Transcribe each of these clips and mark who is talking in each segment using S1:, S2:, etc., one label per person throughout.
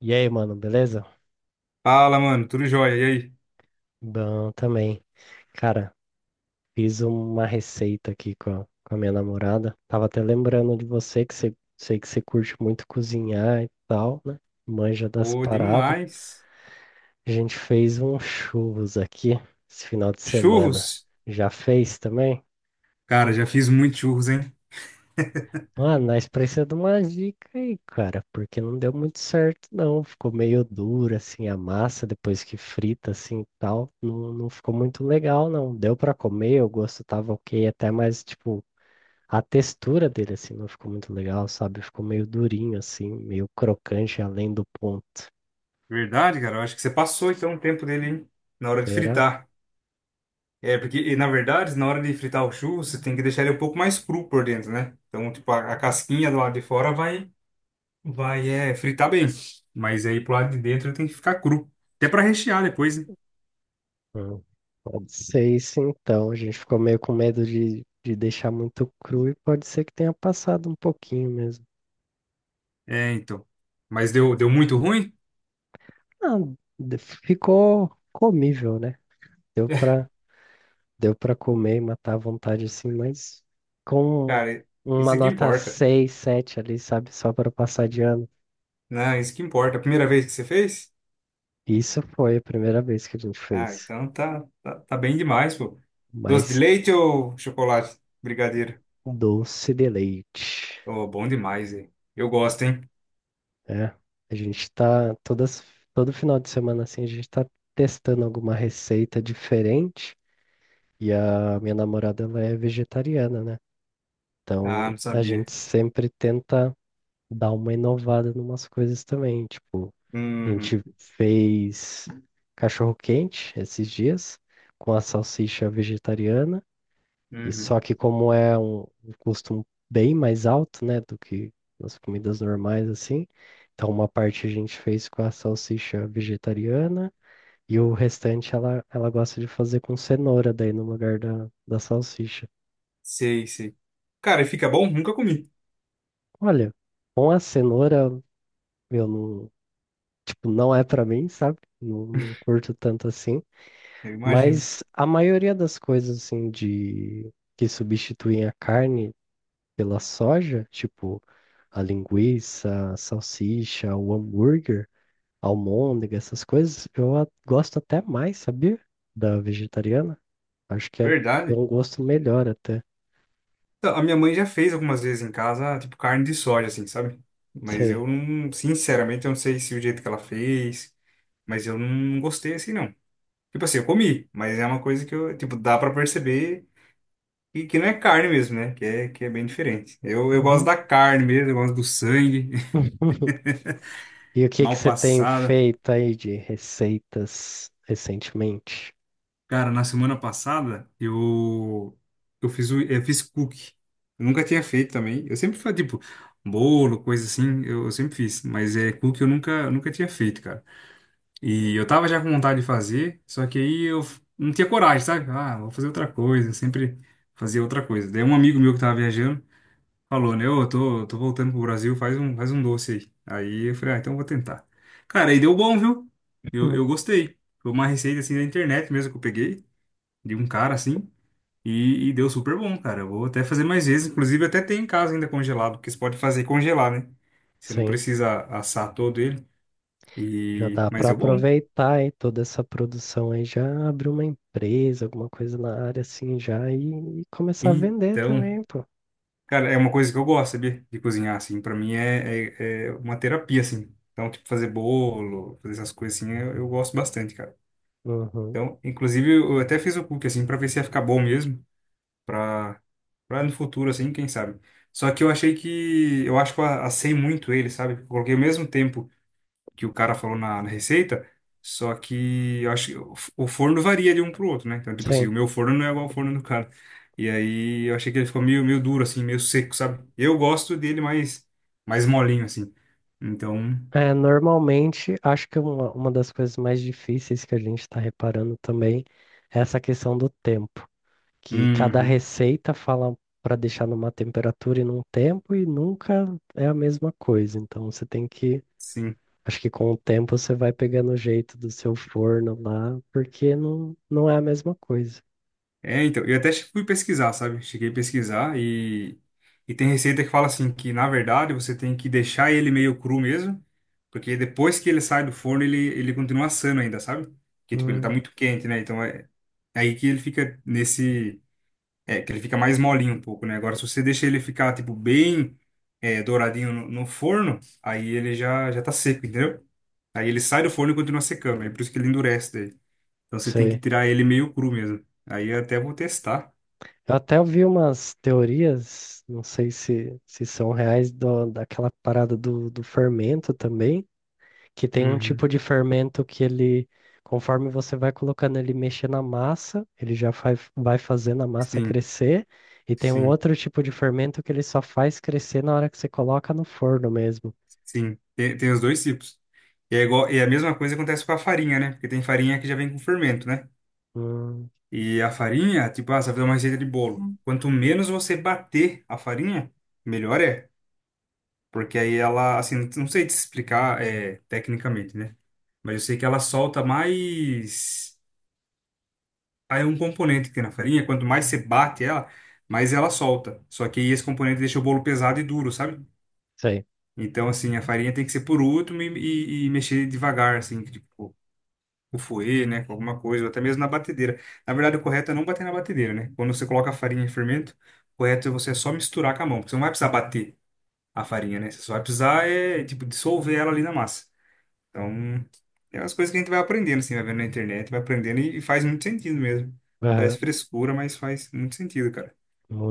S1: E aí, mano, beleza?
S2: Fala, mano, tudo jóia? E aí?
S1: Bom também. Cara, fiz uma receita aqui com a minha namorada. Tava até lembrando de você, sei que você curte muito cozinhar e tal, né? Manja das
S2: Ô,
S1: paradas.
S2: demais.
S1: A gente fez um churros aqui esse final de semana.
S2: Churros?
S1: Já fez também?
S2: Cara, já fiz muito churros, hein?
S1: Mano, nós precisamos de uma dica aí, cara, porque não deu muito certo, não. Ficou meio dura, assim, a massa depois que frita, assim, e tal. Não ficou muito legal, não. Deu pra comer, o gosto tava ok, até, mas, tipo, a textura dele, assim, não ficou muito legal, sabe? Ficou meio durinho, assim, meio crocante além do ponto.
S2: Verdade, cara. Eu acho que você passou então o tempo dele, hein? Na hora de
S1: Será?
S2: fritar. É, porque, na verdade, na hora de fritar o churro, você tem que deixar ele um pouco mais cru por dentro, né? Então, tipo, a casquinha do lado de fora vai, fritar bem. Mas aí pro lado de dentro ele tem que ficar cru. Até pra rechear depois, né?
S1: Hum. Pode ser isso, então. A gente ficou meio com medo de deixar muito cru e pode ser que tenha passado um pouquinho mesmo.
S2: É, então. Mas deu, deu muito ruim?
S1: Ah, ficou comível, né? Deu pra, deu pra comer e matar à vontade assim, mas com
S2: Cara,
S1: uma
S2: isso que
S1: nota
S2: importa,
S1: 6, 7 ali, sabe? Só para passar de ano.
S2: né? Isso que importa. A primeira vez que você fez?
S1: Isso foi a primeira vez que a gente
S2: Ah,
S1: fez.
S2: então tá, tá, tá bem demais, pô. Doce de
S1: Mas
S2: leite ou chocolate? Brigadeiro.
S1: doce de leite,
S2: Oh, bom demais, hein? Eu gosto, hein?
S1: né? A gente tá todas, todo final de semana assim, a gente tá testando alguma receita diferente. E a minha namorada, ela é vegetariana, né?
S2: Ah,
S1: Então
S2: não
S1: a
S2: sabia.
S1: gente sempre tenta dar uma inovada em umas coisas também. Tipo, a
S2: Uhum,
S1: gente fez cachorro-quente esses dias com a salsicha vegetariana. E
S2: uhum.
S1: só que como é um custo bem mais alto, né, do que nas comidas normais, assim, então uma parte a gente fez com a salsicha vegetariana e o restante ela gosta de fazer com cenoura daí no lugar da salsicha.
S2: Sei, sei. Cara, e fica bom? Nunca comi.
S1: Olha, com a cenoura eu não, tipo, não é pra mim, sabe? Não curto tanto assim.
S2: Eu imagino.
S1: Mas a maioria das coisas assim de que substituem a carne pela soja, tipo a linguiça, a salsicha, o hambúrguer, a almôndega, essas coisas, eu gosto até mais, sabia? Da vegetariana. Acho que é
S2: Verdade.
S1: um gosto melhor até.
S2: Então, a minha mãe já fez algumas vezes em casa, ah, tipo carne de soja, assim, sabe? Mas
S1: Sei.
S2: eu não, sinceramente, eu não sei se o jeito que ela fez, mas eu não gostei assim, não. Tipo assim, eu comi, mas é uma coisa que eu, tipo, dá pra perceber. E que não é carne mesmo, né? Que é bem diferente. Eu gosto
S1: Uhum.
S2: da carne mesmo, eu gosto do sangue,
S1: E o que que
S2: mal
S1: você tem
S2: passada.
S1: feito aí de receitas recentemente?
S2: Cara, na semana passada, eu fiz, eu fiz cookie. Eu nunca tinha feito também. Eu sempre fazia, tipo, bolo, coisa assim, eu sempre fiz. Mas é cookie eu nunca tinha feito, cara. E eu tava já com vontade de fazer, só que aí eu não tinha coragem, sabe? Ah, vou fazer outra coisa, sempre fazia outra coisa. Daí um amigo meu que tava viajando, falou, né? Ô, eu tô, tô voltando pro Brasil, faz um doce aí. Aí eu falei, ah, então eu vou tentar. Cara, aí deu bom, viu? Eu gostei. Foi uma receita assim da internet mesmo que eu peguei, de um cara assim, e deu super bom, cara. Eu vou até fazer mais vezes. Inclusive, até tem em casa ainda congelado, porque você pode fazer e congelar, né? Você não
S1: Sim.
S2: precisa assar todo ele.
S1: Já
S2: E...
S1: dá
S2: mas
S1: para
S2: deu bom.
S1: aproveitar aí toda essa produção aí, já abrir uma empresa, alguma coisa na área assim já e começar a vender
S2: Então,
S1: também, pô.
S2: cara, é uma coisa que eu gosto, sabia? De cozinhar, assim. Pra mim é, é, é uma terapia, assim. Então, tipo, fazer bolo, fazer essas coisas assim, eu gosto bastante, cara.
S1: Uhum.
S2: Então, inclusive, eu até fiz o cookie, assim, pra ver se ia ficar bom mesmo, pra, pra no futuro, assim, quem sabe. Só que eu achei que, eu acho que eu assei muito ele, sabe? Eu coloquei o mesmo tempo que o cara falou na, na receita, só que eu acho que o o forno varia de um pro outro, né? Então, tipo assim,
S1: Sim.
S2: o meu forno não é igual ao forno do cara. E aí, eu achei que ele ficou meio, meio duro, assim, meio seco, sabe? Eu gosto dele mais, mais molinho, assim. Então,
S1: É, normalmente, acho que uma das coisas mais difíceis que a gente está reparando também é essa questão do tempo, que cada
S2: uhum,
S1: receita fala para deixar numa temperatura e num tempo e nunca é a mesma coisa. Então, você tem que
S2: sim.
S1: acho que com o tempo você vai pegando o jeito do seu forno lá, porque não, não é a mesma coisa.
S2: É, então, eu até fui pesquisar, sabe? Cheguei a pesquisar e tem receita que fala assim, que na verdade você tem que deixar ele meio cru mesmo, porque depois que ele sai do forno, ele continua assando ainda, sabe? Porque, tipo, ele tá
S1: Hum,
S2: muito quente, né? Então é, é aí que ele fica nesse... É, que ele fica mais molinho um pouco, né? Agora, se você deixa ele ficar, tipo, bem douradinho no, no forno, aí ele já, já tá seco, entendeu? Aí ele sai do forno e continua secando, é por isso que ele endurece daí. Então você tem que
S1: sei.
S2: tirar ele meio cru mesmo. Aí eu até vou testar.
S1: Eu até ouvi umas teorias, não sei se são reais, daquela parada do fermento também, que tem um
S2: Uhum.
S1: tipo de fermento que ele, conforme você vai colocando ele mexer na massa, ele já faz, vai fazendo a massa
S2: Sim,
S1: crescer, e tem um
S2: sim,
S1: outro tipo de fermento que ele só faz crescer na hora que você coloca no forno mesmo.
S2: sim. Tem, tem os dois tipos. E é a mesma coisa acontece com a farinha, né? Porque tem farinha que já vem com fermento, né?
S1: Hum,
S2: E a farinha, tipo, ah, você vai fazer uma receita de bolo. Quanto menos você bater a farinha, melhor é. Porque aí ela, assim, não sei te explicar tecnicamente, né? Mas eu sei que ela solta mais. Aí é um componente que tem na farinha. Quanto mais você bate ela, mais ela solta. Só que aí esse componente deixa o bolo pesado e duro, sabe?
S1: sei.
S2: Então, assim, a farinha tem que ser por último e mexer devagar, assim, tipo, o fouet, né, com alguma coisa, ou até mesmo na batedeira. Na verdade, o correto é não bater na batedeira, né? Quando você coloca a farinha em fermento, o correto é você só misturar com a mão, porque você não vai precisar bater a farinha, né? Você só vai precisar, tipo, dissolver ela ali na massa. Então, é umas coisas que a gente vai aprendendo, assim, vai vendo na internet, vai aprendendo e faz muito sentido mesmo. Parece frescura, mas faz muito sentido, cara.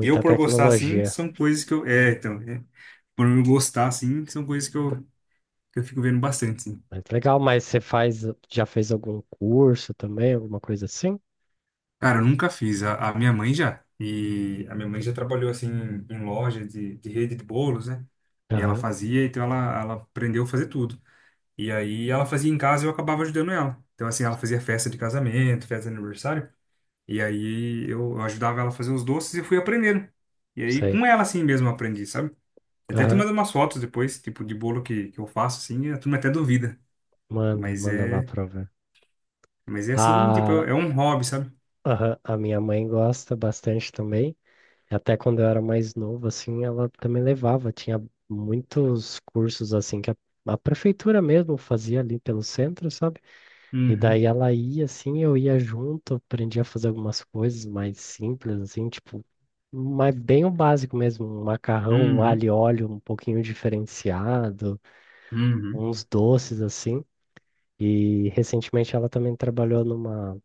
S2: Eu, por gostar, assim,
S1: tecnologia.
S2: são coisas que eu... É, então, é, por eu gostar, assim, são coisas que eu fico vendo bastante, sim.
S1: Mas legal, mas já fez algum curso também, alguma coisa assim?
S2: Cara, eu nunca fiz. A minha mãe já. E a minha mãe já trabalhou, assim, em, em loja de rede de bolos, né? E ela
S1: Aham,
S2: fazia, então ela aprendeu a fazer tudo. E aí ela fazia em casa e eu acabava ajudando ela. Então, assim, ela fazia festa de casamento, festa de aniversário. E aí eu ajudava ela a fazer os doces e eu fui aprendendo. E aí
S1: sei.
S2: com ela, assim mesmo, eu aprendi, sabe? Até te
S1: Aham,
S2: mando umas fotos depois, tipo, de bolo que eu faço, assim, e a turma até duvida.
S1: manda,
S2: Mas
S1: manda lá
S2: é,
S1: pra eu ver.
S2: mas é assim, tipo,
S1: A,
S2: é um hobby, sabe?
S1: aham, a minha mãe gosta bastante também. Até quando eu era mais novo, assim, ela também levava. Tinha muitos cursos, assim, que a prefeitura mesmo fazia ali pelo centro, sabe? E
S2: Uhum,
S1: daí ela ia assim, eu ia junto, aprendi a fazer algumas coisas mais simples, assim, tipo, mas bem o básico mesmo, um macarrão, um alho
S2: uhum.
S1: e óleo um pouquinho diferenciado,
S2: Uhum.
S1: uns doces assim. E recentemente ela também trabalhou numa,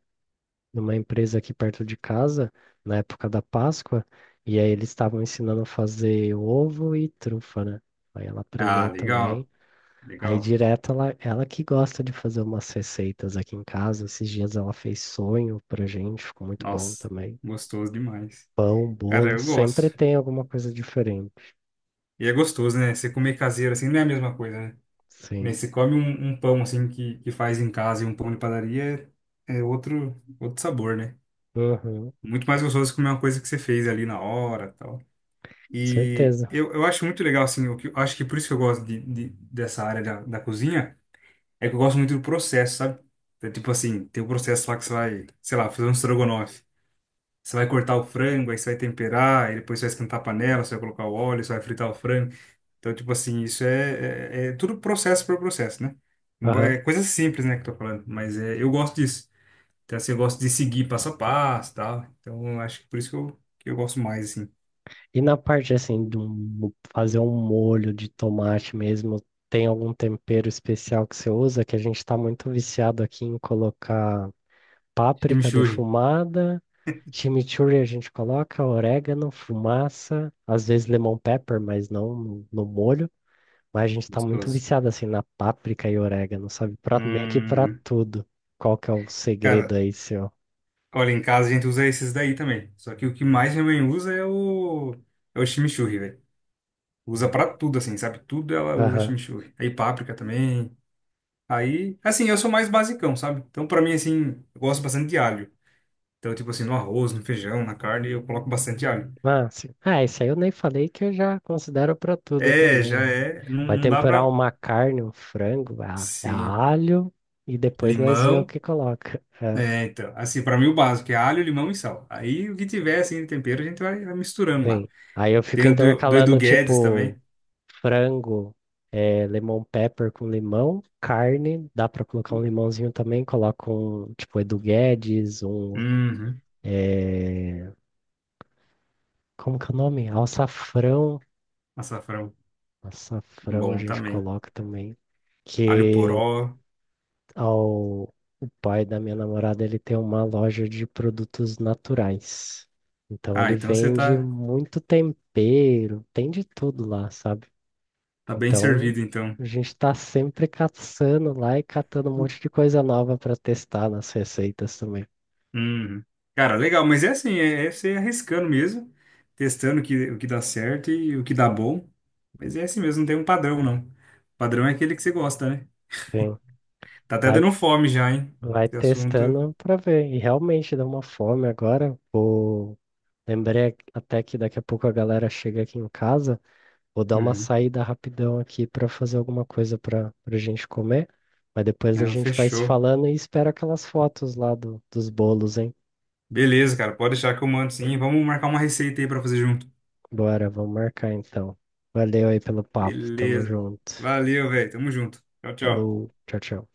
S1: numa empresa aqui perto de casa, na época da Páscoa, e aí eles estavam ensinando a fazer ovo e trufa, né? Aí ela
S2: Ah,
S1: aprendeu
S2: legal,
S1: também. Aí
S2: legal.
S1: direto ela que gosta de fazer umas receitas aqui em casa. Esses dias ela fez sonho pra gente, ficou muito bom
S2: Nossa,
S1: também.
S2: gostoso demais.
S1: Pão,
S2: Cara,
S1: bolo,
S2: eu
S1: sempre
S2: gosto.
S1: tem alguma coisa diferente.
S2: E é gostoso, né? Você comer caseiro assim não é a mesma coisa, né? Nem
S1: Sim.
S2: você come um, um pão assim que faz em casa e um pão de padaria é, é outro, outro sabor, né?
S1: Uhum,
S2: Muito mais gostoso comer uma coisa que você fez ali na hora tal. E
S1: certeza.
S2: eu acho muito legal, assim, eu acho que por isso que eu gosto de, dessa área da, da cozinha, é que eu gosto muito do processo, sabe? É tipo assim, tem o processo lá que você vai, sei lá, fazer um estrogonofe. Você vai cortar o frango, aí você vai temperar, aí depois você vai esquentar a panela, você vai colocar o óleo, você vai fritar o frango. Então, tipo assim, isso é, é, é tudo processo por processo, né?
S1: Aham.
S2: É coisa simples, né, que eu tô falando, mas é, eu gosto disso. Então, assim, eu gosto de seguir passo a passo e tal. Então, eu acho que por isso que eu gosto mais, assim.
S1: E na parte assim fazer um molho de tomate mesmo, tem algum tempero especial que você usa? Que a gente tá muito viciado aqui em colocar páprica
S2: Chimichurri,
S1: defumada, chimichurri a gente coloca, orégano, fumaça, às vezes lemon pepper, mas não no molho. Mas a gente tá muito
S2: gostoso.
S1: viciado assim na páprica e orégano, sabe? Pra, meio que pra
S2: Uhum.
S1: tudo. Qual que é o segredo
S2: Cara,
S1: aí, seu?
S2: olha, em casa a gente usa esses daí também. Só que o que mais minha mãe usa é o, é o chimichurri, velho. Usa
S1: Hum.
S2: pra tudo, assim, sabe? Tudo ela usa
S1: Aham.
S2: chimichurri. Aí páprica também. Aí, assim, eu sou mais basicão, sabe? Então, pra mim, assim, eu gosto bastante de alho. Então, tipo assim, no arroz, no feijão, na carne, eu coloco bastante alho.
S1: Ah, sim. Ah, isso aí eu nem falei que eu já considero pra tudo
S2: É, já
S1: também.
S2: é. Não,
S1: Vai
S2: não dá
S1: temperar
S2: pra.
S1: uma carne, um frango, a
S2: Sim.
S1: alho, e depois nós vemos o
S2: Limão.
S1: que coloca.
S2: É, então. Assim, pra mim, o básico é alho, limão e sal. Aí, o que tiver, assim, de tempero, a gente vai, vai misturando lá.
S1: Sim. Aí eu fico
S2: Tem o do, do Edu
S1: intercalando,
S2: Guedes
S1: tipo,
S2: também.
S1: frango, é, lemon pepper com limão, carne, dá pra colocar um limãozinho também, coloca um, tipo, Edu Guedes, um,
S2: Uhum.
S1: é, como que é o nome?
S2: Açafrão.
S1: Açafrão a
S2: Bom
S1: gente
S2: também.
S1: coloca também,
S2: Alho
S1: que
S2: poró.
S1: ao, o pai da minha namorada, ele tem uma loja de produtos naturais, então
S2: Ah,
S1: ele
S2: então você
S1: vende
S2: tá,
S1: muito tempero, tem de tudo lá, sabe?
S2: tá bem
S1: Então,
S2: servido, então.
S1: a gente está sempre caçando lá e catando um monte de coisa nova para testar nas receitas também.
S2: Uhum. Cara, legal, mas é assim, é, é você arriscando mesmo, testando o que dá certo e o que dá bom. Mas é assim mesmo, não tem um padrão, não. O padrão é aquele que você gosta, né?
S1: Sim.
S2: Tá até
S1: Vai,
S2: dando fome já, hein?
S1: vai
S2: Esse assunto.
S1: testando para ver. E realmente dá uma fome agora. Vou... Lembrei até que daqui a pouco a galera chega aqui em casa. Vou dar uma
S2: Uhum.
S1: saída rapidão aqui para fazer alguma coisa para a gente comer. Mas depois a
S2: Não,
S1: gente vai se
S2: fechou.
S1: falando e espero aquelas fotos lá do, dos bolos, hein?
S2: Beleza, cara, pode deixar que eu mando sim. Vamos marcar uma receita aí pra fazer junto.
S1: Bora, vamos marcar então. Valeu aí pelo papo. Tamo
S2: Beleza.
S1: junto.
S2: Valeu, velho. Tamo junto. Tchau, tchau.
S1: Falou, tchau, tchau.